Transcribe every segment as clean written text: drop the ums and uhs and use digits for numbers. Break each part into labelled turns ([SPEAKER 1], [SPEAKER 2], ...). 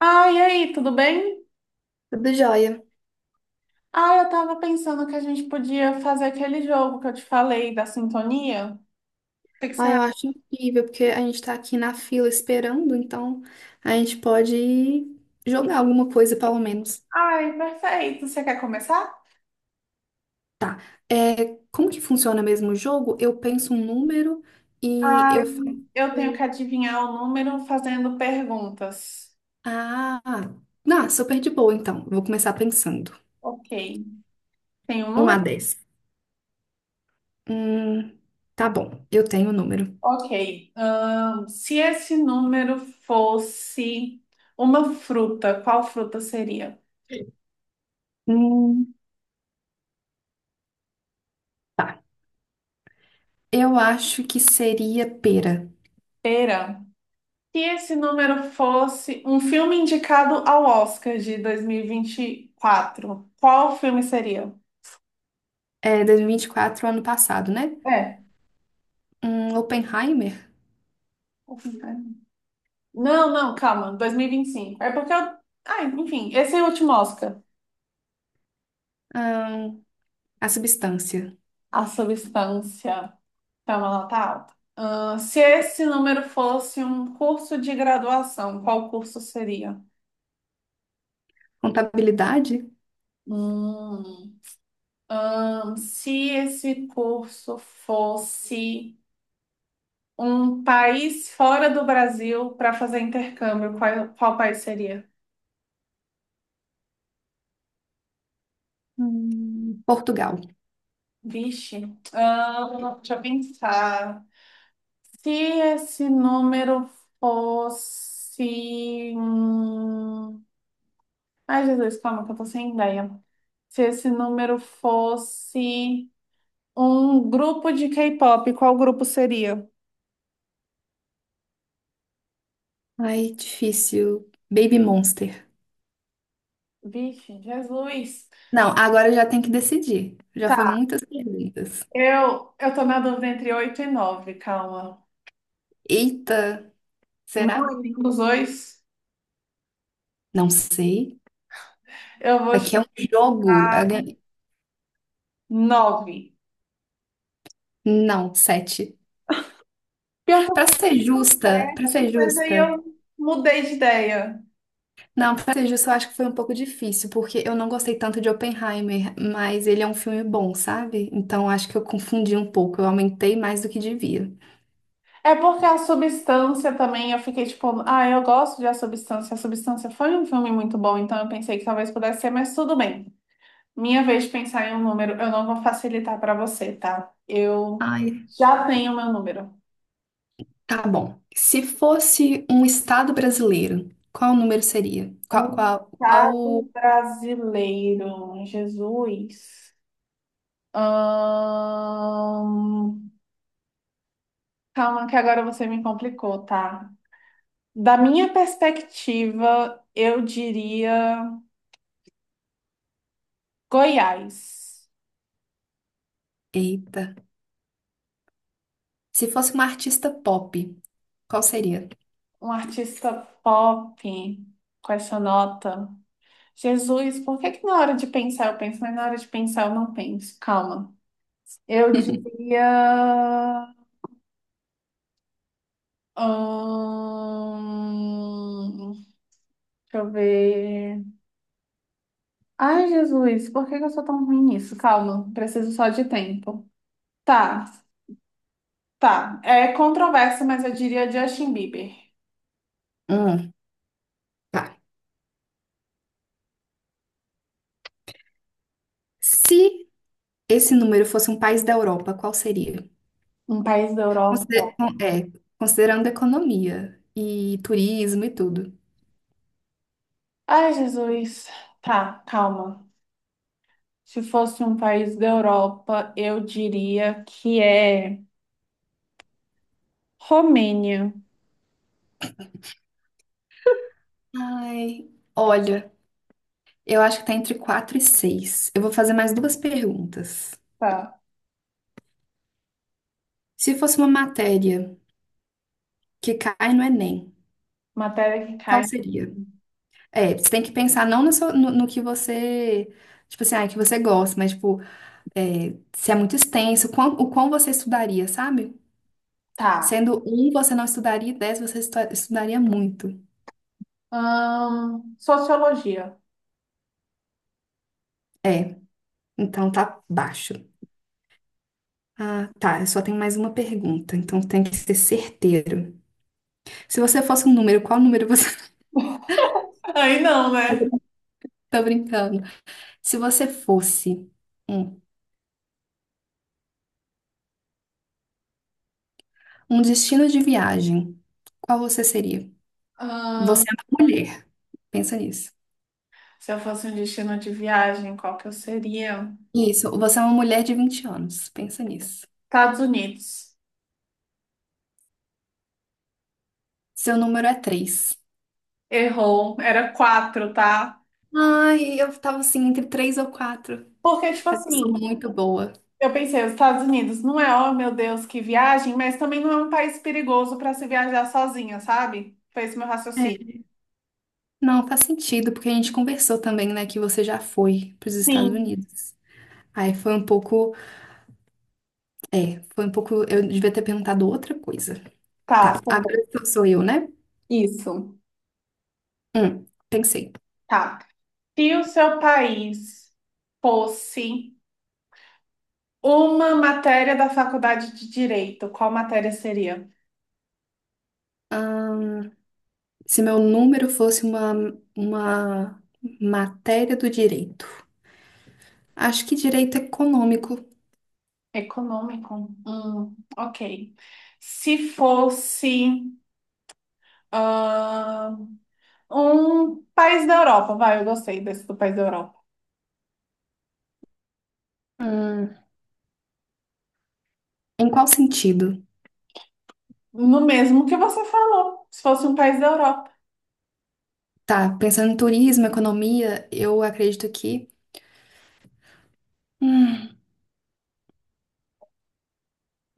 [SPEAKER 1] Ah, e aí, tudo bem?
[SPEAKER 2] Tudo jóia.
[SPEAKER 1] Ah, eu tava pensando que a gente podia fazer aquele jogo que eu te falei da sintonia. O que que você
[SPEAKER 2] Ah, eu
[SPEAKER 1] acha?
[SPEAKER 2] acho incrível, porque a gente tá aqui na fila esperando, então a gente pode jogar alguma coisa, pelo menos.
[SPEAKER 1] Ai, perfeito. Você quer começar?
[SPEAKER 2] Tá. É, como que funciona mesmo o jogo? Eu penso um número e
[SPEAKER 1] Ai,
[SPEAKER 2] eu faço.
[SPEAKER 1] eu tenho que adivinhar o número fazendo perguntas.
[SPEAKER 2] Ah, não, super de boa, então. Vou começar pensando.
[SPEAKER 1] Ok. Tem um
[SPEAKER 2] um a
[SPEAKER 1] número?
[SPEAKER 2] dez, Hum, tá bom, eu tenho o número.
[SPEAKER 1] Ok. Se esse número fosse uma fruta, qual fruta seria?
[SPEAKER 2] Hum, tá. Eu acho que seria pera.
[SPEAKER 1] Pera. Se esse número fosse um filme indicado ao Oscar de 2024, qual filme seria?
[SPEAKER 2] É dois mil e vinte e quatro, ano passado, né?
[SPEAKER 1] É.
[SPEAKER 2] Um Oppenheimer?
[SPEAKER 1] O filme, né? Não, calma, 2025. É porque eu. Ah, enfim, esse é o último Oscar.
[SPEAKER 2] Ahn, a substância.
[SPEAKER 1] A substância. Calma, ela tá alta. Ah, se esse número fosse um curso de graduação, qual curso seria?
[SPEAKER 2] Contabilidade?
[SPEAKER 1] Hum, Se esse curso fosse. Um país fora do Brasil para fazer intercâmbio, qual, qual país seria?
[SPEAKER 2] Portugal.
[SPEAKER 1] Vixe, ah, deixa eu pensar. Se esse número fosse. Ai, Jesus, calma, que eu tô sem ideia. Se esse número fosse um grupo de K-pop, qual grupo seria?
[SPEAKER 2] Ai, difícil. Baby Monster.
[SPEAKER 1] Vixe, Jesus.
[SPEAKER 2] Não, agora eu já tenho que decidir. Já foi
[SPEAKER 1] Tá,
[SPEAKER 2] muitas perguntas.
[SPEAKER 1] eu tô na dúvida entre 8 e 9 calma.
[SPEAKER 2] Eita, será?
[SPEAKER 1] Não é nenhum dos dois.
[SPEAKER 2] Não sei.
[SPEAKER 1] Eu vou
[SPEAKER 2] Aqui é um jogo. Eu ganhei-
[SPEAKER 1] Nove.
[SPEAKER 2] Não, sete.
[SPEAKER 1] Pior que eu
[SPEAKER 2] Pra ser
[SPEAKER 1] pensei com
[SPEAKER 2] justa, pra ser
[SPEAKER 1] sete, mas aí
[SPEAKER 2] justa.
[SPEAKER 1] eu mudei de ideia.
[SPEAKER 2] Não, pra ser justa, eu acho que foi um pouco difícil, porque eu não gostei tanto de Oppenheimer, mas ele é um filme bom, sabe? Então acho que eu confundi um pouco. Eu aumentei mais do que devia.
[SPEAKER 1] É porque a substância também, eu fiquei tipo, ah, eu gosto de A Substância. A Substância foi um filme muito bom, então eu pensei que talvez pudesse ser, mas tudo bem. Minha vez de pensar em um número, eu não vou facilitar para você, tá? Eu
[SPEAKER 2] Ai,
[SPEAKER 1] já tenho meu número.
[SPEAKER 2] tá bom. Se fosse um estado brasileiro, qual o número seria?
[SPEAKER 1] Um estado brasileiro, Jesus. Ahn, Calma, que agora você me complicou, tá? Da minha perspectiva, eu diria Goiás,
[SPEAKER 2] Eita. Se fosse uma artista pop, qual seria?
[SPEAKER 1] um artista pop com essa nota. Jesus, por que que na hora de pensar eu penso, mas na hora de pensar eu não penso? Calma. Eu diria. Hum, Deixa eu ver. Ai, Jesus, por que que eu sou tão ruim nisso? Calma, preciso só de tempo. Tá, tá. É controverso, mas eu diria Justin Bieber,
[SPEAKER 2] Hum, tá. Se esse número fosse um país da Europa, qual seria?
[SPEAKER 1] um país da
[SPEAKER 2] Consider-
[SPEAKER 1] Europa.
[SPEAKER 2] é, Considerando economia e turismo e tudo.
[SPEAKER 1] Ai, Jesus. Tá, calma. Se fosse um país da Europa, eu diria que é Romênia.
[SPEAKER 2] Ai, olha, eu acho que tá entre 4 e seis. Eu vou fazer mais duas perguntas.
[SPEAKER 1] Tá.
[SPEAKER 2] Se fosse uma matéria que cai no Enem,
[SPEAKER 1] Matéria que cai.
[SPEAKER 2] qual seria? É, você tem que pensar não no que você, tipo assim, que você gosta, mas, tipo, se é muito extenso, o quão você estudaria, sabe?
[SPEAKER 1] Tá.
[SPEAKER 2] Sendo um, você não estudaria, e dez, você estudaria muito.
[SPEAKER 1] Sociologia.
[SPEAKER 2] É, então tá baixo. Ah, tá, eu só tenho mais uma pergunta, então tem que ser certeiro. Se você fosse um número, qual número você...
[SPEAKER 1] Aí não, né?
[SPEAKER 2] Tô brincando. Se você fosse um, um destino de viagem, qual você seria? Você
[SPEAKER 1] Ahn,
[SPEAKER 2] é uma mulher, pensa nisso.
[SPEAKER 1] Se eu fosse um destino de viagem, qual que eu seria?
[SPEAKER 2] Isso, você é uma mulher de 20 anos. Pensa nisso.
[SPEAKER 1] Estados Unidos.
[SPEAKER 2] Seu número é 3.
[SPEAKER 1] Errou. Era quatro, tá?
[SPEAKER 2] Ai, eu tava assim entre 3 ou 4.
[SPEAKER 1] Porque, tipo
[SPEAKER 2] Mas eu sou
[SPEAKER 1] assim,
[SPEAKER 2] muito boa.
[SPEAKER 1] eu pensei, os Estados Unidos não é, oh meu Deus, que viagem, mas também não é um país perigoso para se viajar sozinha, sabe? Foi esse meu raciocínio.
[SPEAKER 2] É. Não, faz sentido, porque a gente conversou também, né, que você já foi pros Estados
[SPEAKER 1] Sim,
[SPEAKER 2] Unidos. Aí foi um pouco. É, foi um pouco. Eu devia ter perguntado outra coisa. Tá,
[SPEAKER 1] tá
[SPEAKER 2] agora
[SPEAKER 1] bom.
[SPEAKER 2] sou eu, né?
[SPEAKER 1] Isso,
[SPEAKER 2] Pensei.
[SPEAKER 1] tá. Se o seu país fosse uma matéria da faculdade de Direito, qual matéria seria?
[SPEAKER 2] Ahn, Se meu número fosse uma matéria do direito. Acho que direito econômico.
[SPEAKER 1] Econômico? Ok. Se fosse ah, Um país da Europa, vai, eu gostei desse do país da Europa.
[SPEAKER 2] Hum, Em qual sentido?
[SPEAKER 1] No mesmo que você falou, se fosse um país da Europa.
[SPEAKER 2] Tá, pensando em turismo, economia, eu acredito que. Hum,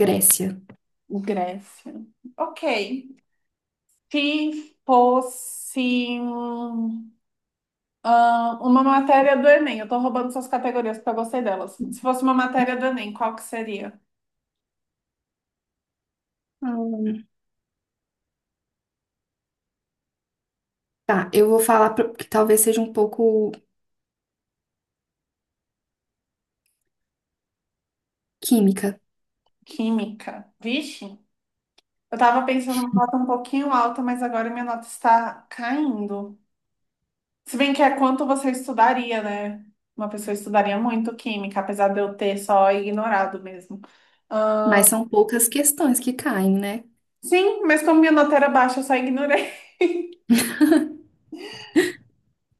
[SPEAKER 2] Grécia.
[SPEAKER 1] Grécia. Ok. Se fosse ah, Uma matéria do Enem, eu tô roubando suas categorias porque eu gostei delas. Se fosse uma matéria do Enem, qual que seria?
[SPEAKER 2] Hum. Tá, eu vou falar que talvez seja um pouco química,
[SPEAKER 1] Química. Vixe, eu tava pensando numa nota um pouquinho alta, mas agora minha nota está caindo. Se bem que é quanto você estudaria, né? Uma pessoa estudaria muito química, apesar de eu ter só ignorado mesmo.
[SPEAKER 2] mas são poucas questões que caem, né?
[SPEAKER 1] Sim, mas como minha nota era baixa, eu só ignorei.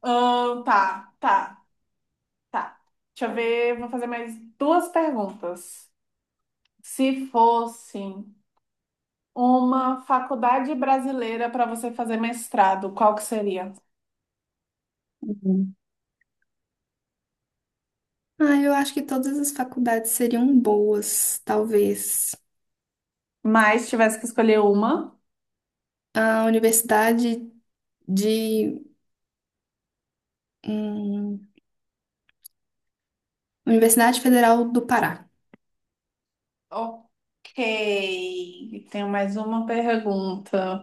[SPEAKER 1] Ahn, tá, tá, tá. Deixa eu ver, vou fazer mais duas perguntas. Se fosse uma faculdade brasileira para você fazer mestrado, qual que seria?
[SPEAKER 2] Uhum. Ah, eu acho que todas as faculdades seriam boas, talvez.
[SPEAKER 1] Mas tivesse que escolher uma.
[SPEAKER 2] A Universidade de. hum, Universidade Federal do Pará.
[SPEAKER 1] Ok, tenho mais uma pergunta.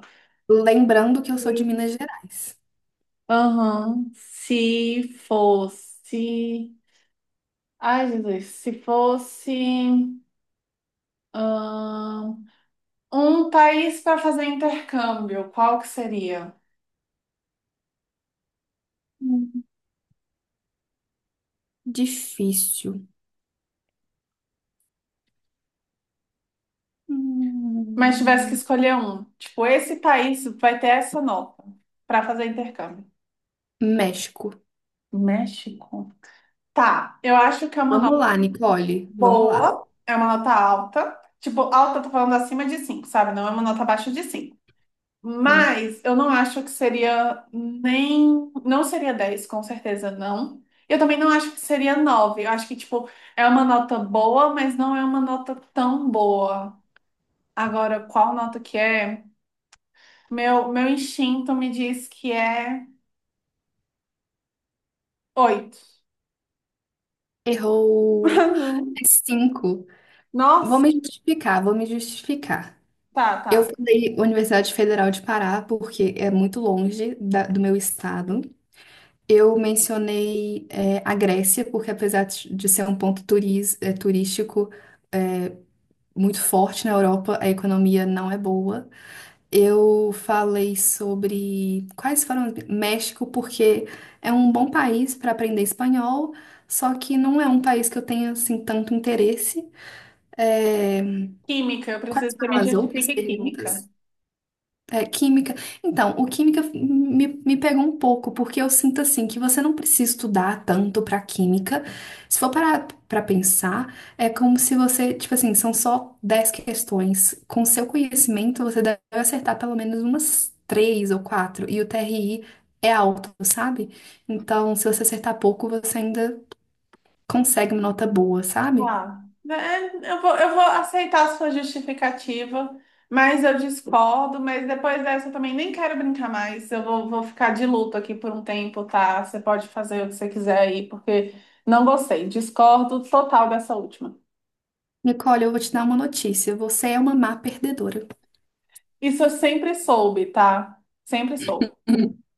[SPEAKER 2] Lembrando que eu sou de
[SPEAKER 1] Sim.
[SPEAKER 2] Minas Gerais.
[SPEAKER 1] Aham. Se fosse. Ai, Jesus, se fosse. ahn, Um país para fazer intercâmbio, qual que seria?
[SPEAKER 2] Hum, Difícil.
[SPEAKER 1] Mas tivesse que
[SPEAKER 2] Hum,
[SPEAKER 1] escolher um, tipo, esse país vai ter essa nota para fazer intercâmbio.
[SPEAKER 2] México.
[SPEAKER 1] México. Tá, eu acho que é uma
[SPEAKER 2] Vamos
[SPEAKER 1] nota
[SPEAKER 2] lá, Nicole. Vamos lá.
[SPEAKER 1] boa, é uma nota alta. Tipo, alta, eu tô falando acima de 5, sabe? Não é uma nota abaixo de 5.
[SPEAKER 2] Hum,
[SPEAKER 1] Mas eu não acho que seria nem. Não seria 10 com certeza não. Eu também não acho que seria 9. Eu acho que, tipo, é uma nota boa, mas não é uma nota tão boa. Agora, qual nota que é? Meu instinto me diz que é oito.
[SPEAKER 2] Errou. É cinco. Vou me
[SPEAKER 1] Nossa,
[SPEAKER 2] justificar, vou me justificar.
[SPEAKER 1] tá.
[SPEAKER 2] Eu falei Universidade Federal de Pará porque é muito longe do meu estado. Eu mencionei a Grécia porque apesar de ser um ponto turístico muito forte na Europa, a economia não é boa. Eu falei sobre quais foram México, porque é um bom país para aprender espanhol, só que não é um país que eu tenha assim tanto interesse. É,
[SPEAKER 1] Química, eu preciso
[SPEAKER 2] quais
[SPEAKER 1] que você me
[SPEAKER 2] foram as outras
[SPEAKER 1] justifique química.
[SPEAKER 2] perguntas? É, química. Então, o química me pegou um pouco, porque eu sinto assim que você não precisa estudar tanto pra química. Se for parar pra pensar, é como se você, tipo assim, são só 10 questões. Com seu conhecimento, você deve acertar pelo menos umas três ou quatro. E o TRI é alto, sabe? Então, se você acertar pouco, você ainda consegue uma nota boa, sabe?
[SPEAKER 1] Tá. Eu vou aceitar a sua justificativa, mas eu discordo, mas depois dessa eu também nem quero brincar mais. Eu vou, vou ficar de luto aqui por um tempo, tá? Você pode fazer o que você quiser aí, porque não gostei. Discordo total dessa última.
[SPEAKER 2] Nicole, eu vou te dar uma notícia. Você é uma má perdedora.
[SPEAKER 1] Isso eu sempre soube, tá? Sempre soube.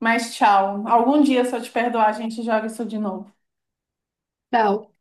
[SPEAKER 1] Mas tchau. Algum dia, se eu te perdoar, a gente joga isso de novo.
[SPEAKER 2] Tchau.